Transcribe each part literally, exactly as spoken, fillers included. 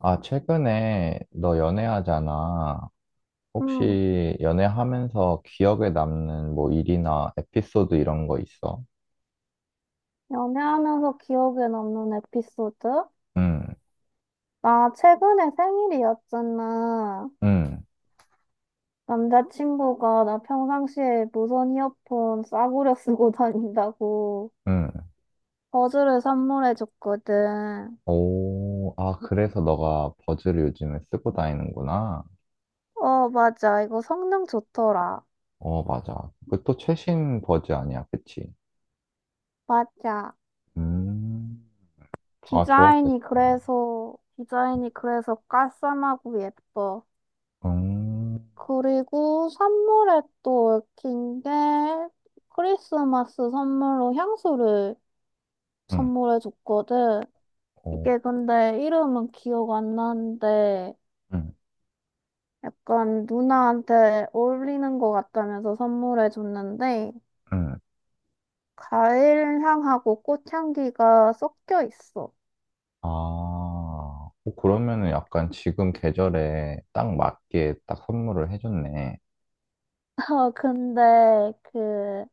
아, 최근에 너 연애하잖아. 음, 혹시 연애하면서 기억에 남는 뭐 일이나 에피소드 이런 거 있어? 연애하면서 기억에 남는 에피소드? 응, 나 최근에 생일이었잖아. 응, 남자친구가 나 평상시에 무선 이어폰 싸구려 쓰고 다닌다고 응. 버즈를 선물해줬거든. 오, 아, 그래서 너가 버즈를 요즘에 쓰고 다니는구나. 어, 맞아. 이거 성능 좋더라. 어, 맞아. 그 또 최신 버즈 아니야, 그치? 맞아. 음, 아, 좋았겠다. 디자인이 그래서, 디자인이 그래서 깔쌈하고 예뻐. 음, 그리고 선물에 또 얽힌 게 크리스마스 선물로 향수를 응, 선물해줬거든. 오, 이게 근데 이름은 기억 안 나는데 응, 약간 누나한테 어울리는 것 같다면서 선물해줬는데 응. 과일 향하고 꽃향기가 섞여 있어. 아, 어, 그러면은 약간 지금 계절에 딱 맞게 딱 선물을 해줬네. 어, 근데 그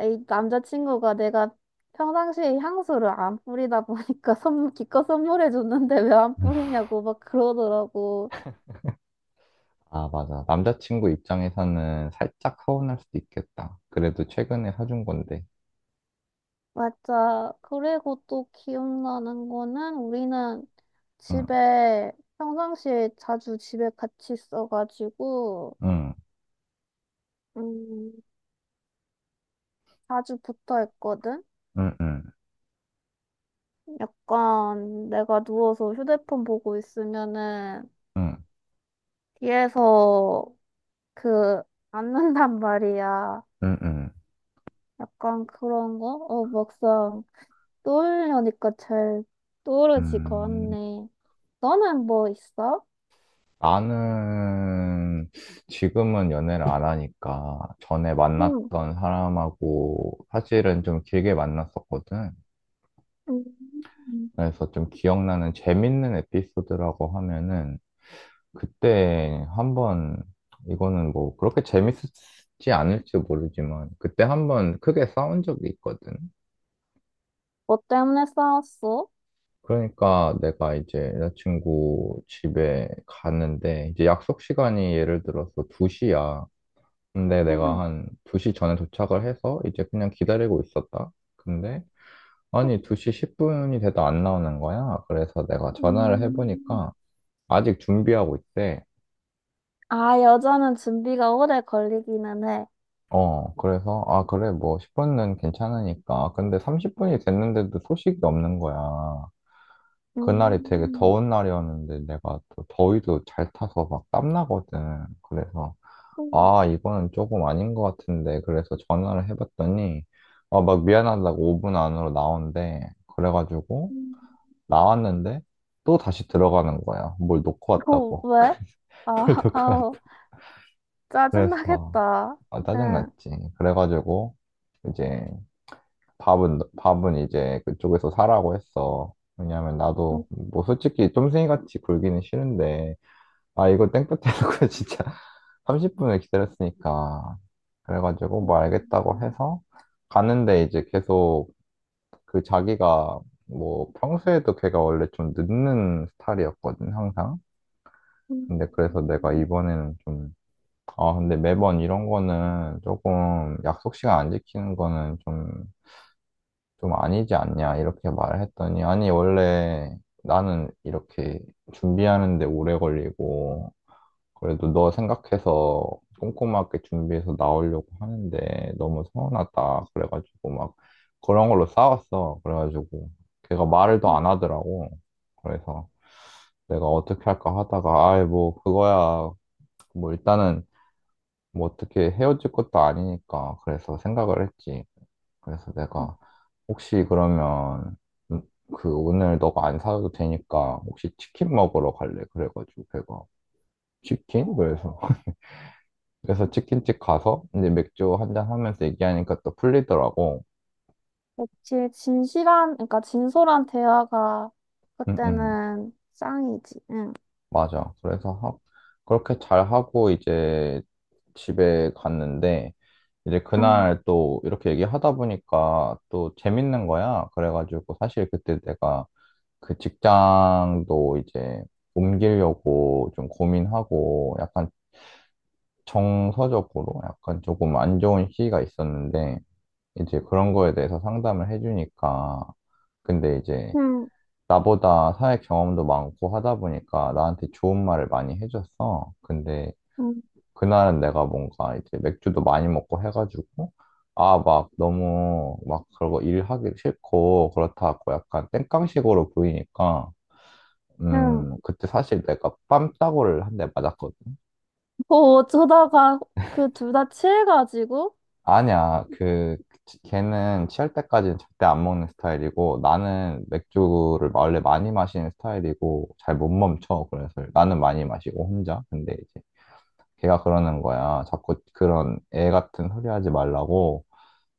이 남자친구가 내가 평상시에 향수를 안 뿌리다 보니까 선물 기껏 선물해줬는데 왜 안 뿌리냐고 막 그러더라고. 아, 맞아. 남자친구 입장에서는 살짝 서운할 수도 있겠다. 그래도 최근에 사준 건데. 맞아. 그리고 또 기억나는 거는 우리는 응, 집에 평상시에 자주 집에 같이 있어가지고 응, 음, 자주 붙어 있거든. 응, 응, 약간 내가 누워서 휴대폰 보고 있으면은 응, 뒤에서 그 앉는단 말이야. 응, 응. 약간 그런 거? 어, 막상 떠올려니까 잘 떠오르지가 음, 않네. 너는 뭐 있어? 나는 지금은 연애를 안 하니까 전에 응. 만났던 사람하고 사실은 좀 길게 만났었거든. 음. 그래서 좀 기억나는 재밌는 에피소드라고 하면은 그때 한번 이거는 뭐 그렇게 재밌었지 않을지 모르지만 그때 한번 크게 싸운 적이 있거든. 뭐 때문에 싸웠어? 그러니까 내가 이제 여자친구 집에 갔는데 이제 약속 시간이 예를 들어서 두 시야. 근데 내가 음, 한 두 시 전에 도착을 해서 이제 그냥 기다리고 있었다. 근데 아니 두 시 십 분이 돼도 안 나오는 거야. 그래서 내가 전화를 음, 해보니까 아직 준비하고 있대. 아, 여자는 준비가 오래 걸리기는 해. 어, 그래서, 아, 그래, 뭐, 십 분은 괜찮으니까. 근데 삼십 분이 됐는데도 소식이 없는 거야. 그날이 되게 음, 더운 날이었는데 내가 또 더위도 잘 타서 막 땀나거든. 그래서, 음, 아, 이거는 조금 아닌 것 같은데. 그래서 전화를 해봤더니, 아, 막 미안하다고 오 분 안으로 나온대. 그래가지고, 음, 나왔는데, 또 다시 들어가는 거야. 뭘 놓고 어, 왔다고. 왜? 뭘 아, 놓고 왔 아우, 그래서, 짜증나겠다. 아, 응. 짜증났지. 그래가지고, 이제, 밥은, 밥은 이제 그쪽에서 사라고 했어. 왜냐면 음, 나도, 뭐 솔직히 쫌생이같이 굴기는 싫은데, 아, 이거 땡볕 해놓고 진짜 삼십 분을 기다렸으니까. 그래가지고 뭐 알겠다고 음, 해서 갔는데 이제 계속 그 자기가 뭐 평소에도 걔가 원래 좀 늦는 스타일이었거든, 항상. 근데 그래서 내가 음, 이번에는 좀, 아, 근데 매번 이런 거는 조금 약속 시간 안 지키는 거는 좀 좀 아니지 않냐 이렇게 말을 했더니 아니 원래 나는 이렇게 준비하는데 오래 걸리고 그래도 너 생각해서 꼼꼼하게 준비해서 나오려고 하는데 너무 서운하다 그래가지고 막 그런 걸로 싸웠어. 그래가지고 걔가 말을 더 음. 안 하더라고. 그래서 내가 어떻게 할까 하다가 아이 뭐 그거야 뭐 일단은 뭐 어떻게 헤어질 것도 아니니까 그래서 생각을 했지. 그래서 내가 혹시 그러면 음, 그 오늘 너가 안 사도 되니까 혹시 치킨 먹으러 갈래? 그래가지고 걔가 치킨? 그래서 그래서 치킨집 가서 이제 맥주 한 잔 하면서 얘기하니까 또 풀리더라고. 그치, 진실한, 그러니까 진솔한 대화가 응, 응. 그때는 짱이지. 응. 맞아. 그래서 하- 그렇게 잘 하고 이제 집에 갔는데 이제 그날 응또 이렇게 얘기하다 보니까 또 재밌는 거야. 그래가지고 사실 그때 내가 그 직장도 이제 옮기려고 좀 고민하고 약간 정서적으로 약간 조금 안 좋은 시기가 있었는데 이제 그런 거에 대해서 상담을 해주니까 근데 이제 응 나보다 사회 경험도 많고 하다 보니까 나한테 좋은 말을 많이 해줬어. 근데 음, 그날은 내가 뭔가 이제 맥주도 많이 먹고 해가지고 아, 막 너무 막 그러고 일하기 싫고 그렇다고 약간 땡깡식으로 보이니까 응. 음, 그때 사실 내가 뺨따구를 한대 맞았거든. 뭐 어쩌다가 그 둘 다 취해가지고? 아니야, 그, 걔는 취할 때까지는 절대 안 먹는 스타일이고, 나는 맥주를 원래 많이 마시는 스타일이고, 잘 못 멈춰. 그래서 나는 많이 마시고, 혼자. 근데 이제 걔가 그러는 거야. 자꾸 그런 애 같은 소리 하지 말라고.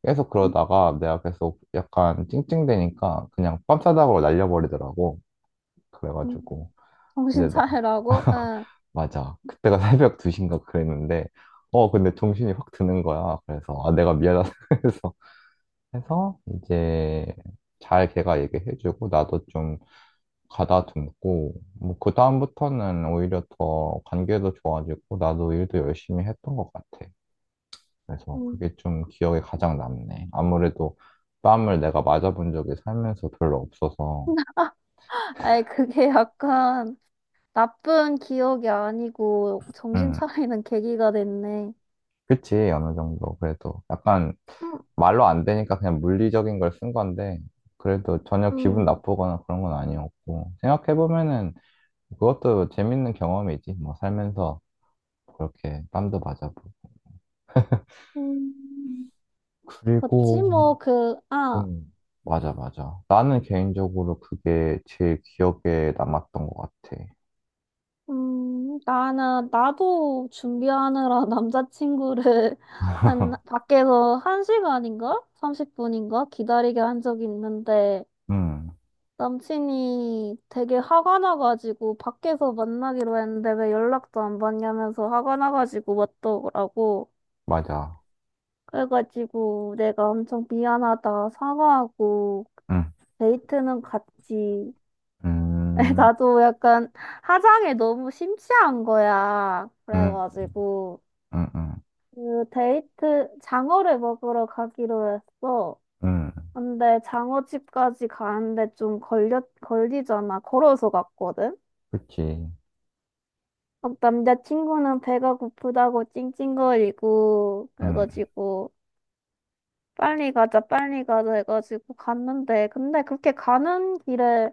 계속 그러다가 내가 계속 약간 찡찡대니까 그냥 뺨싸다구로 날려버리더라고. 응. 그래가지고. 이제 정신 나. 차리라고? 응. 맞아. 그때가 새벽 두 시인가 그랬는데, 어, 근데 정신이 확 드는 거야. 그래서, 아, 내가 미안하다. 그래서, 해서, 이제, 잘 걔가 얘기해주고, 나도 좀 가다듬고, 뭐, 그다음부터는 오히려 더 관계도 좋아지고, 나도 일도 열심히 했던 것 같아. 그래서 음. 그게 좀 기억에 가장 남네. 아무래도 뺨을 내가 맞아본 적이 살면서 별로 없어서, 아이, 그게 약간 나쁜 기억이 아니고 정신 음. 차리는 계기가 됐네. 그치, 어느 정도. 그래도 약간 음, 말로 안 되니까 그냥 물리적인 걸 쓴 건데, 그래도 전혀 기분 음, 나쁘거나 그런 건 아니었고, 생각해보면은 그것도 재밌는 경험이지. 뭐 살면서 그렇게 땀도 맞아보고. 음, 그치, 그리고, 뭐, 그, 아, 음, 맞아, 맞아. 나는 개인적으로 그게 제일 기억에 남았던 것 같아. 음, 나는, 나도 준비하느라 남자친구를 한, 밖에서 한시간인가 삼십 분인가? 기다리게 한 적이 있는데, 음, 남친이 되게 화가 나가지고 밖에서 만나기로 했는데 왜 연락도 안 받냐면서 화가 나가지고 왔더라고. 맞아. 그래가지고 내가 엄청 미안하다 사과하고 음, 데이트는 갔지. 음, 나도 약간 화장에 너무 심취한 거야. 음, 그래가지고 음, 음, 그 데이트 장어를 먹으러 가기로 했어. 음, 근데 장어집까지 가는데 좀 걸려, 걸리잖아. 걸어서 갔거든. 그치. 막 남자친구는 배가 고프다고 찡찡거리고 음, 그래가지고 빨리 가자 빨리 가자 해가지고 갔는데 근데 그렇게 가는 길에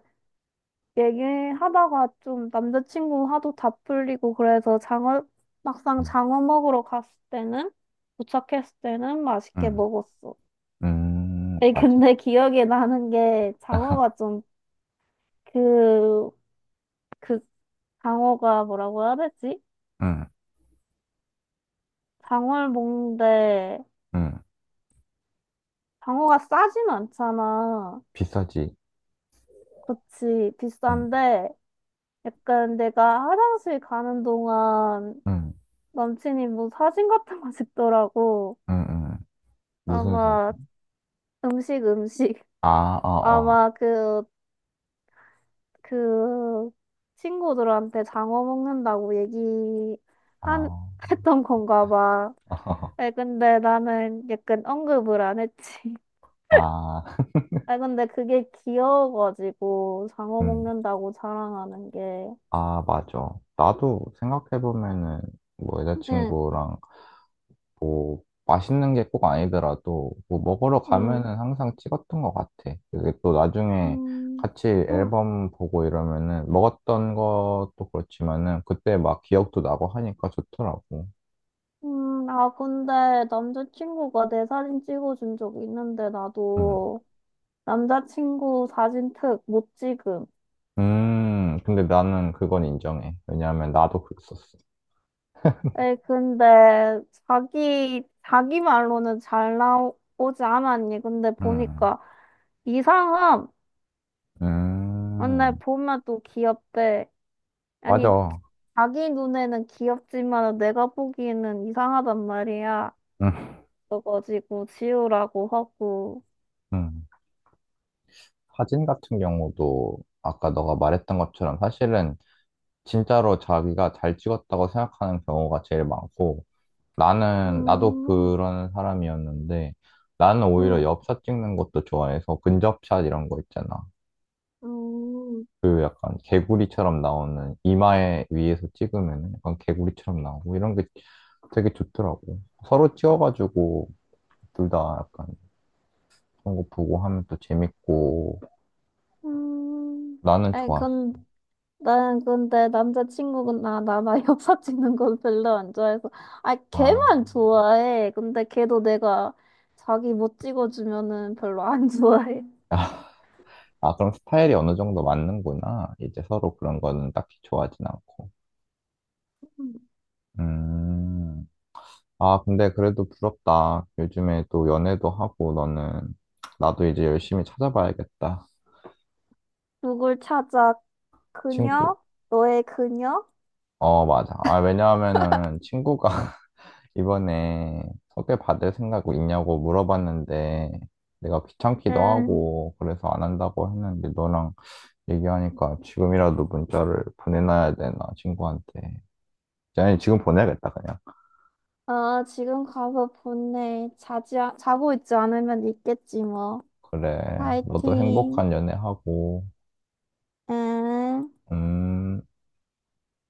얘기하다가 좀 남자친구 화도 다 풀리고 그래서 장어 막상 음, 장어 먹으러 갔을 때는 도착했을 때는 맛있게 음. 먹었어. 음, 에 맞아. 근데 기억에 나는 게 장어가 좀 그 그 장어가 뭐라고 해야 되지? 응, 장어를 먹는데 응. 방어가 싸진 않잖아. 비싸지. 그치, 응, 비싼데, 약간 내가 화장실 가는 동안 응, 남친이 뭐 사진 같은 거 찍더라고. 응, 응. 무슨 사진? 아마 음식, 음식. 아, 어, 어. 아마 그, 그 친구들한테 장어 먹는다고 얘기 아, 한, 했던 건가 봐. 아 근데 나는 약간 언급을 안 했지. 아, 아 근데 그게 귀여워가지고 장어 응. 먹는다고 자랑하는 게. 아, 맞아. 나도 생각해보면은, 뭐, 응. 여자친구랑, 뭐, 맛있는 게 꼭 아니더라도, 뭐, 먹으러 응. 가면은 항상 찍었던 것 같아. 이게 또 나중에 음, 같이 음, 앨범 보고 이러면은, 먹었던 것도 그렇지만은, 그때 막 기억도 나고 하니까 좋더라고. 음, 아, 근데 남자친구가 내 사진 찍어준 적 있는데, 응. 나도 남자친구 사진 특 못 찍음. 음, 근데 나는 그건 인정해. 왜냐하면 나도 그랬었어. 에이, 근데 자기, 자기 말로는 잘 나오지 않았니? 근데 음, 보니까 이상함. 근데 음, 보면 또 귀엽대. 아니, 맞아. 자기 눈에는 귀엽지만 내가 보기에는 이상하단 말이야. 음, 그래가지고 지우라고 하고. 음. 사진 같은 경우도 아까 너가 말했던 것처럼 사실은 진짜로 자기가 잘 찍었다고 생각하는 경우가 제일 많고 나는, 나도 음, 그런 사람이었는데 나는 오히려 음. 엽샷 찍는 것도 좋아해서 근접샷 이런 거 있잖아. 음, 그 약간 개구리처럼 나오는 이마에 위에서 찍으면 약간 개구리처럼 나오고 이런 게 되게 좋더라고. 서로 찍어가지고 둘 다 약간 그런 거 보고 하면 또 재밌고 음, 나는 아이, 좋았어. 건, 난 근데 남자친구가 나, 나, 나 엽사 찍는 건 별로 안 좋아해서. 아, 아, 걔만 좋아해. 근데 걔도 내가 자기 못 찍어주면은 별로 안 좋아해. 아 그럼 스타일이 어느 정도 맞는구나. 이제 서로 그런 거는 딱히 좋아하진 않고. 음. 음. 아, 근데 그래도 부럽다. 요즘에 또 연애도 하고 너는 나도 이제 열심히 찾아봐야겠다. 누굴 찾아? 그녀? 친구. 너의 그녀? 어, 맞아. 아, 왜냐하면은 친구가 이번에 소개받을 생각 있냐고 물어봤는데 내가 귀찮기도 응. 하고 그래서 안 한다고 했는데 너랑 얘기하니까 지금이라도 문자를 보내놔야 되나 친구한테 아니 지금 보내야겠다 그냥. 어, 지금 가서 보내. 자지, 아- 자고 있지 않으면 있겠지, 뭐. 그래 너도 파이팅. 행복한 연애하고 응. 음